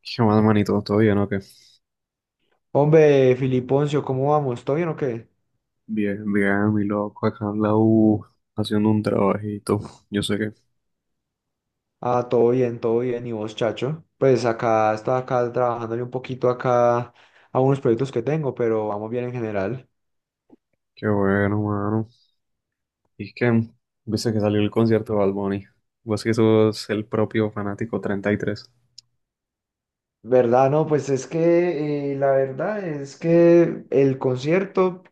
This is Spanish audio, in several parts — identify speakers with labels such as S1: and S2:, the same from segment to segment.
S1: ¿Qué más, manito? ¿Todo bien o qué?
S2: Hombre, Filiponcio, ¿cómo vamos? ¿Todo bien o qué?
S1: Bien, mi loco, acá en la U, haciendo un trabajito. Yo sé que,
S2: Ah, todo bien, todo bien. ¿Y vos, chacho? Pues acá estaba acá trabajándole un poquito acá a unos proyectos que tengo, pero vamos bien en general.
S1: qué bueno, mano. Y es que, viste que salió el concierto de Bad Bunny. Vos que sos el propio fanático 33.
S2: ¿Verdad? No, pues es que la verdad es que el concierto.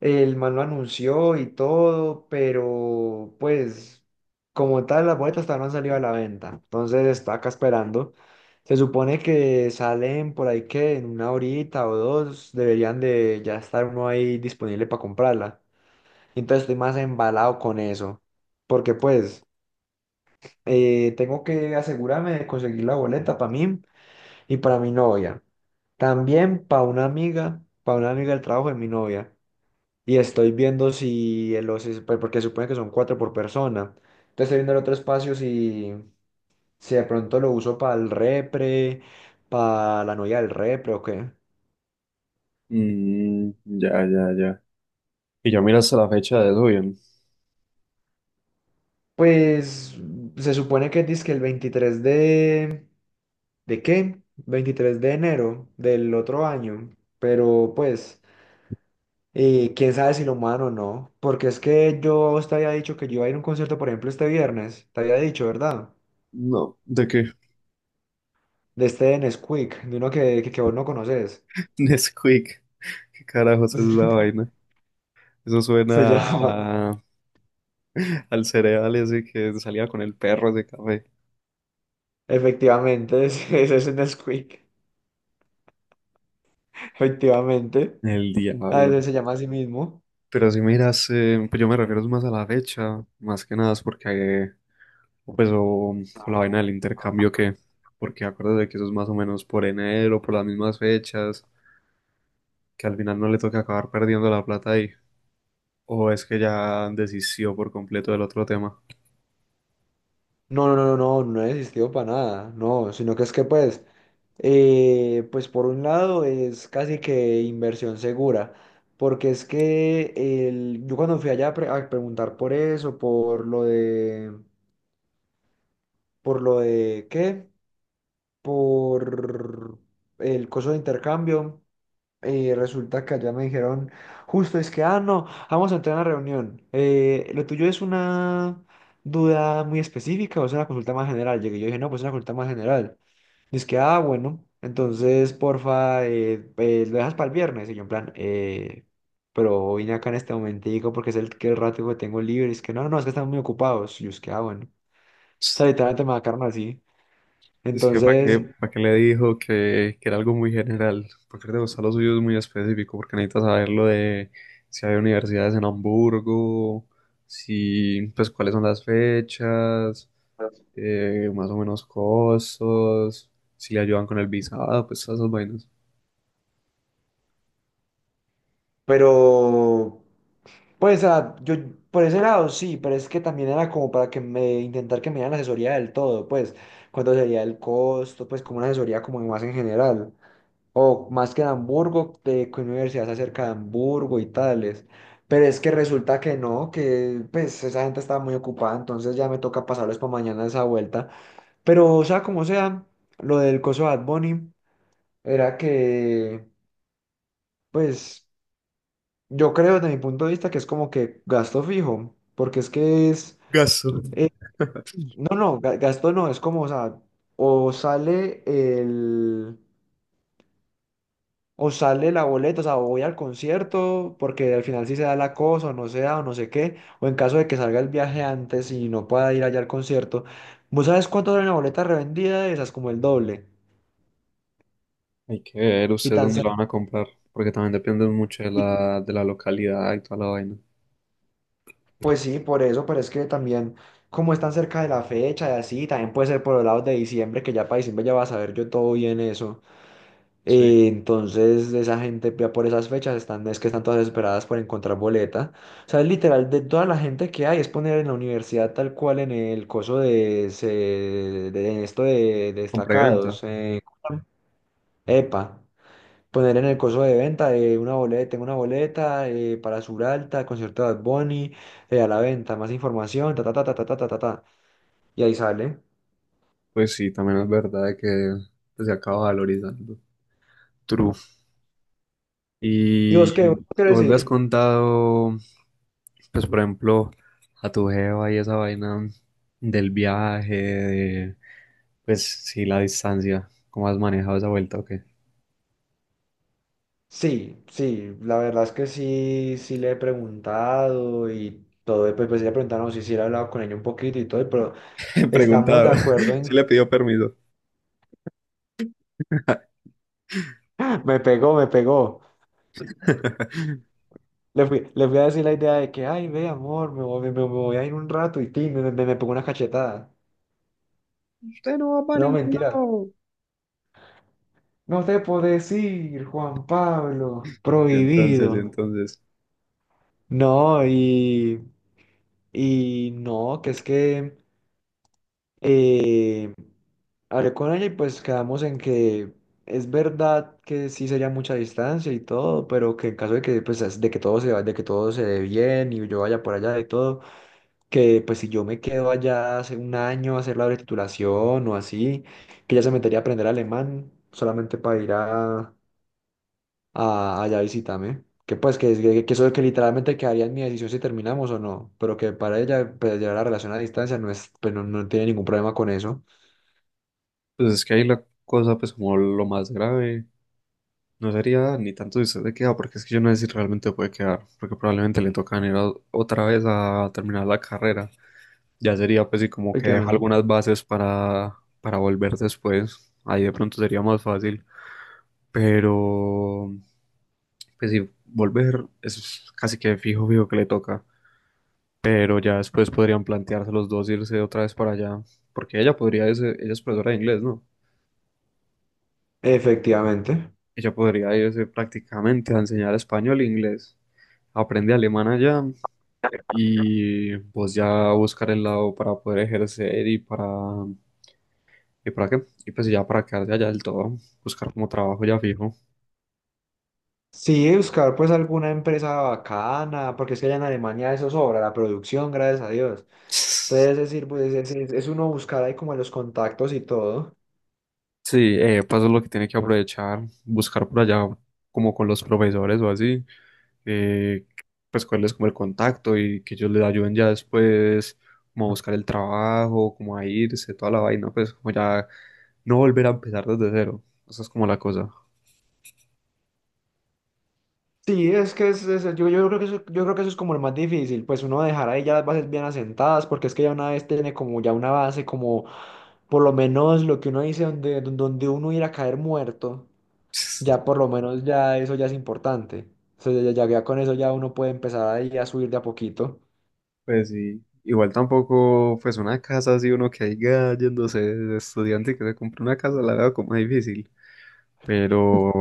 S2: El man lo anunció y todo, pero pues como tal las boletas todavía no han salido a la venta. Entonces está acá esperando. Se supone que salen por ahí que en una horita o dos deberían de ya estar uno ahí disponible para comprarla. Entonces estoy más embalado con eso, porque pues tengo que asegurarme de conseguir la boleta para mí y para mi novia. También para una amiga del trabajo de mi novia. Y estoy viendo si en los, pues, porque supone que son cuatro por persona. Entonces estoy viendo el otro espacio si de pronto lo uso para el repre, para la novia del repre o qué.
S1: Ya. Y ya miraste la fecha de eso bien.
S2: Pues se supone que dice que el 23 de. ¿De qué? 23 de enero del otro año. Pero pues, quién sabe si lo muevan o no. Porque es que yo a vos te había dicho que yo iba a ir a un concierto, por ejemplo, este viernes. Te había dicho, ¿verdad?
S1: No, ¿de qué?
S2: De este Nesquik, de uno que vos no conoces.
S1: Nesquik. ¿Qué carajos es esa vaina? Eso
S2: Se
S1: suena
S2: llama,
S1: a- al cereal ese que salía con el perro de café.
S2: efectivamente, ese es un Nesquik, efectivamente.
S1: El
S2: A
S1: diablo.
S2: veces se llama a sí mismo.
S1: Pero si miras, pues yo me refiero más a la fecha, más que nada es porque, o pues, o, o la vaina del intercambio, porque acuérdate que eso es más o menos por enero, por las mismas fechas, que al final no le toca acabar perdiendo la plata ahí, o es que ya desistió por completo del otro tema.
S2: No, no, no, no, no, no existido para nada, no, sino que es que pues, pues por un lado es casi que inversión segura, porque es que el, yo cuando fui allá a, a preguntar por eso, por lo de, ¿qué? Por el coso de intercambio. Y resulta que allá me dijeron, justo es que, ah, no, vamos a entrar a una reunión. Lo tuyo es una duda muy específica o es una consulta más general. Llegué, yo dije, no, pues es una consulta más general. Y es que, ah, bueno, entonces, porfa, lo dejas para el viernes. Y yo en plan, pero vine acá en este momentico porque es el, que el rato que tengo libre. Y es que, no, no, no, es que están muy ocupados. Y yo es que, ah, bueno. O sea, literalmente me marcaron así.
S1: Es que
S2: Entonces.
S1: para qué le dijo que era algo muy general, porque le gustan los suyos muy específico, porque necesita saber lo de si hay universidades en Hamburgo, si, pues cuáles son las fechas, más o menos costos, si le ayudan con el visado, pues todas esas vainas.
S2: Pero, pues, yo por ese lado sí, pero es que también era como para que me intentar que me dieran asesoría del todo, pues cuánto sería el costo, pues como una asesoría como más en general, o más que en Hamburgo, de qué universidad se acerca de Hamburgo y tales. Pero es que resulta que no, que pues esa gente estaba muy ocupada, entonces ya me toca pasarles para mañana esa vuelta. Pero o sea, como sea, lo del coso de Bad Bunny era que pues. Yo creo desde mi punto de vista que es como que gasto fijo, porque es que es,
S1: Gasto.
S2: eh, no, no, gasto no, es como, o sea, o sale el, o sale la boleta, o sea, o voy al concierto, porque al final sí se da la cosa, o no se da, o no sé qué, o en caso de que salga el viaje antes y no pueda ir allá al concierto, ¿vos sabes cuánto vale una boleta revendida de esas? Como el doble,
S1: Hay que ver
S2: y
S1: ustedes
S2: tan,
S1: dónde lo
S2: sen-
S1: van a comprar, porque también depende mucho de
S2: y
S1: de la localidad y toda la vaina.
S2: pues sí, por eso, pero es que también, como están cerca de la fecha y así, también puede ser por los lados de diciembre, que ya para diciembre ya va a saber yo todo bien eso.
S1: Sí,
S2: Entonces, esa gente ya por esas fechas están, es que están todas desesperadas por encontrar boleta. O sea, es literal, de toda la gente que hay, es poner en la universidad tal cual en el coso de, de esto de
S1: compra y
S2: destacados.
S1: venta.
S2: ¿Cómo se llama? EPA poner en el coso de venta de una boleta, tengo una boleta para Suralta, concierto de Bad Bunny, a la venta, más información, ta ta ta ta ta ta ta ta, ta. Y ahí sale.
S1: Pues sí, también es verdad que pues, se acaba valorizando. True.
S2: ¿Y
S1: Y,
S2: vos
S1: y
S2: qué quieres
S1: vos le has
S2: decir?
S1: contado, pues por ejemplo, a tu jeva y esa vaina del viaje, de, pues sí, la distancia, ¿cómo has manejado esa vuelta o qué?
S2: Sí, sí, la verdad es que sí, sí le he preguntado y todo, y pues sí le preguntaron si sí, sí le he hablado con ella un poquito y todo, pero
S1: he
S2: estamos de
S1: preguntado
S2: acuerdo
S1: si le
S2: en.
S1: pidió permiso.
S2: Me pegó, me pegó. Le fui a decir la idea de que, ay, ve, amor, me voy, me voy a ir un rato y ti, me pegó una cachetada.
S1: Usted no va para
S2: No,
S1: ningún
S2: mentira.
S1: lado.
S2: No te puedo decir, Juan Pablo,
S1: Y entonces, y
S2: prohibido.
S1: entonces,
S2: No, y no, que es que eh, hablé con ella y pues quedamos en que es verdad que sí sería mucha distancia y todo, pero que en caso de que, pues, de que todo se vaya, de que todo se dé bien y yo vaya por allá y todo, que pues si yo me quedo allá hace un año a hacer la titulación o así, que ella se metería a aprender alemán solamente para ir a allá visítame. Que pues que eso que literalmente quedaría en mi decisión si terminamos o no, pero que para ella pues, llevar la relación a distancia no es, pues, no, no tiene ningún problema con eso.
S1: pues es que ahí la cosa, pues como lo más grave no sería ni tanto si usted se queda, porque es que yo no sé si realmente puede quedar, porque probablemente le tocan otra vez a terminar la carrera. Ya sería pues sí como que deja
S2: Efectivamente.
S1: algunas bases para volver después. Ahí de pronto sería más fácil. Pero pues sí, volver es casi que fijo, fijo que le toca. Pero ya después podrían plantearse los dos irse otra vez para allá. Porque ella podría irse, ella es profesora de inglés, ¿no?
S2: Efectivamente.
S1: Ella podría irse prácticamente a enseñar español e inglés. Aprende alemán allá y pues ya buscar el lado para poder ejercer y para... ¿Y para qué? Y pues ya para quedarse allá del todo, buscar como trabajo ya fijo.
S2: Sí, buscar pues alguna empresa bacana, porque es que allá en Alemania eso sobra, la producción, gracias a Dios. Entonces es decir, pues es uno buscar ahí como los contactos y todo.
S1: Sí, pues eso es lo que tiene que aprovechar, buscar por allá como con los profesores o así, eh, pues cuál es como el contacto y que ellos les ayuden ya después como a buscar el trabajo, como a irse, toda la vaina, pues como ya no volver a empezar desde cero. Esa es como la cosa.
S2: Sí, es que yo creo que eso, yo creo que eso es como lo más difícil, pues uno dejar ahí ya las bases bien asentadas, porque es que ya una vez tiene como ya una base, como por lo menos lo que uno dice donde uno ir a caer muerto, ya por lo menos ya eso ya es importante. O sea, ya con eso ya uno puede empezar ahí a subir de a poquito.
S1: Pues sí, igual tampoco, pues una casa así, uno que haya yéndose de estudiante y que se compre una casa, la veo como difícil. Pero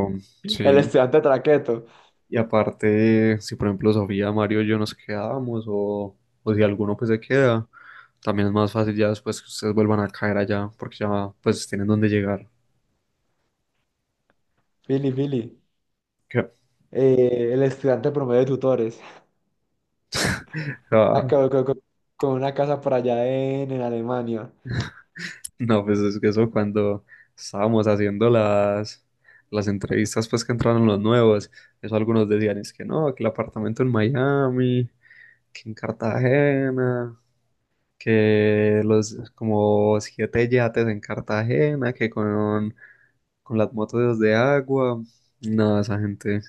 S2: El
S1: sí,
S2: estudiante traqueto,
S1: y aparte, si por ejemplo Sofía, Mario y yo nos quedamos o si alguno pues se queda, también es más fácil ya después que ustedes vuelvan a caer allá porque ya pues tienen dónde llegar.
S2: Fili, Fili,
S1: Que-
S2: el estudiante promedio de tutores,
S1: ah,
S2: acá con, con una casa por allá en Alemania.
S1: no, pues es que eso cuando estábamos haciendo las entrevistas pues que entraron los nuevos, eso algunos decían es que no, que el apartamento en Miami, que en Cartagena, que los como siete yates en Cartagena, que con las motos de agua. No, esa gente.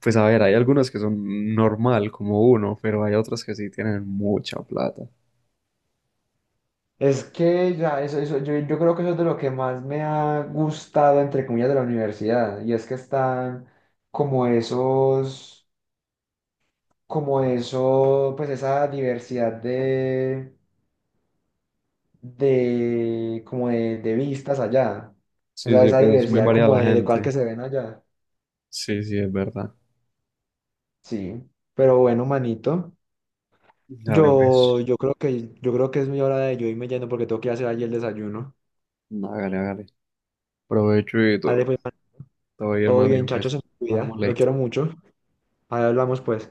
S1: Pues a ver, hay algunas que son normal, como uno, pero hay otras que sí tienen mucha plata.
S2: Es que ya, eso, yo creo que eso es de lo que más me ha gustado, entre comillas, de la universidad. Y es que están como esos, como eso, pues esa diversidad como de vistas allá. O
S1: Sí,
S2: sea,
S1: sí,
S2: esa
S1: pues es muy
S2: diversidad
S1: variada
S2: como
S1: la
S2: de cosas que
S1: gente.
S2: se ven allá.
S1: Sí, sí, es verdad.
S2: Sí. Pero bueno, manito,
S1: Dale,
S2: yo,
S1: pues.
S2: yo creo que, yo creo que es mi hora de yo irme yendo porque tengo que ir a hacer allí el desayuno.
S1: Hágale, hágale. Provecho y
S2: Dale,
S1: todo.
S2: pues, man,
S1: Todo bien,
S2: todo
S1: más
S2: bien,
S1: bien,
S2: chacho,
S1: pues.
S2: se me cuida.
S1: Hablamos
S2: Lo
S1: ley.
S2: quiero mucho. Ahí hablamos, pues.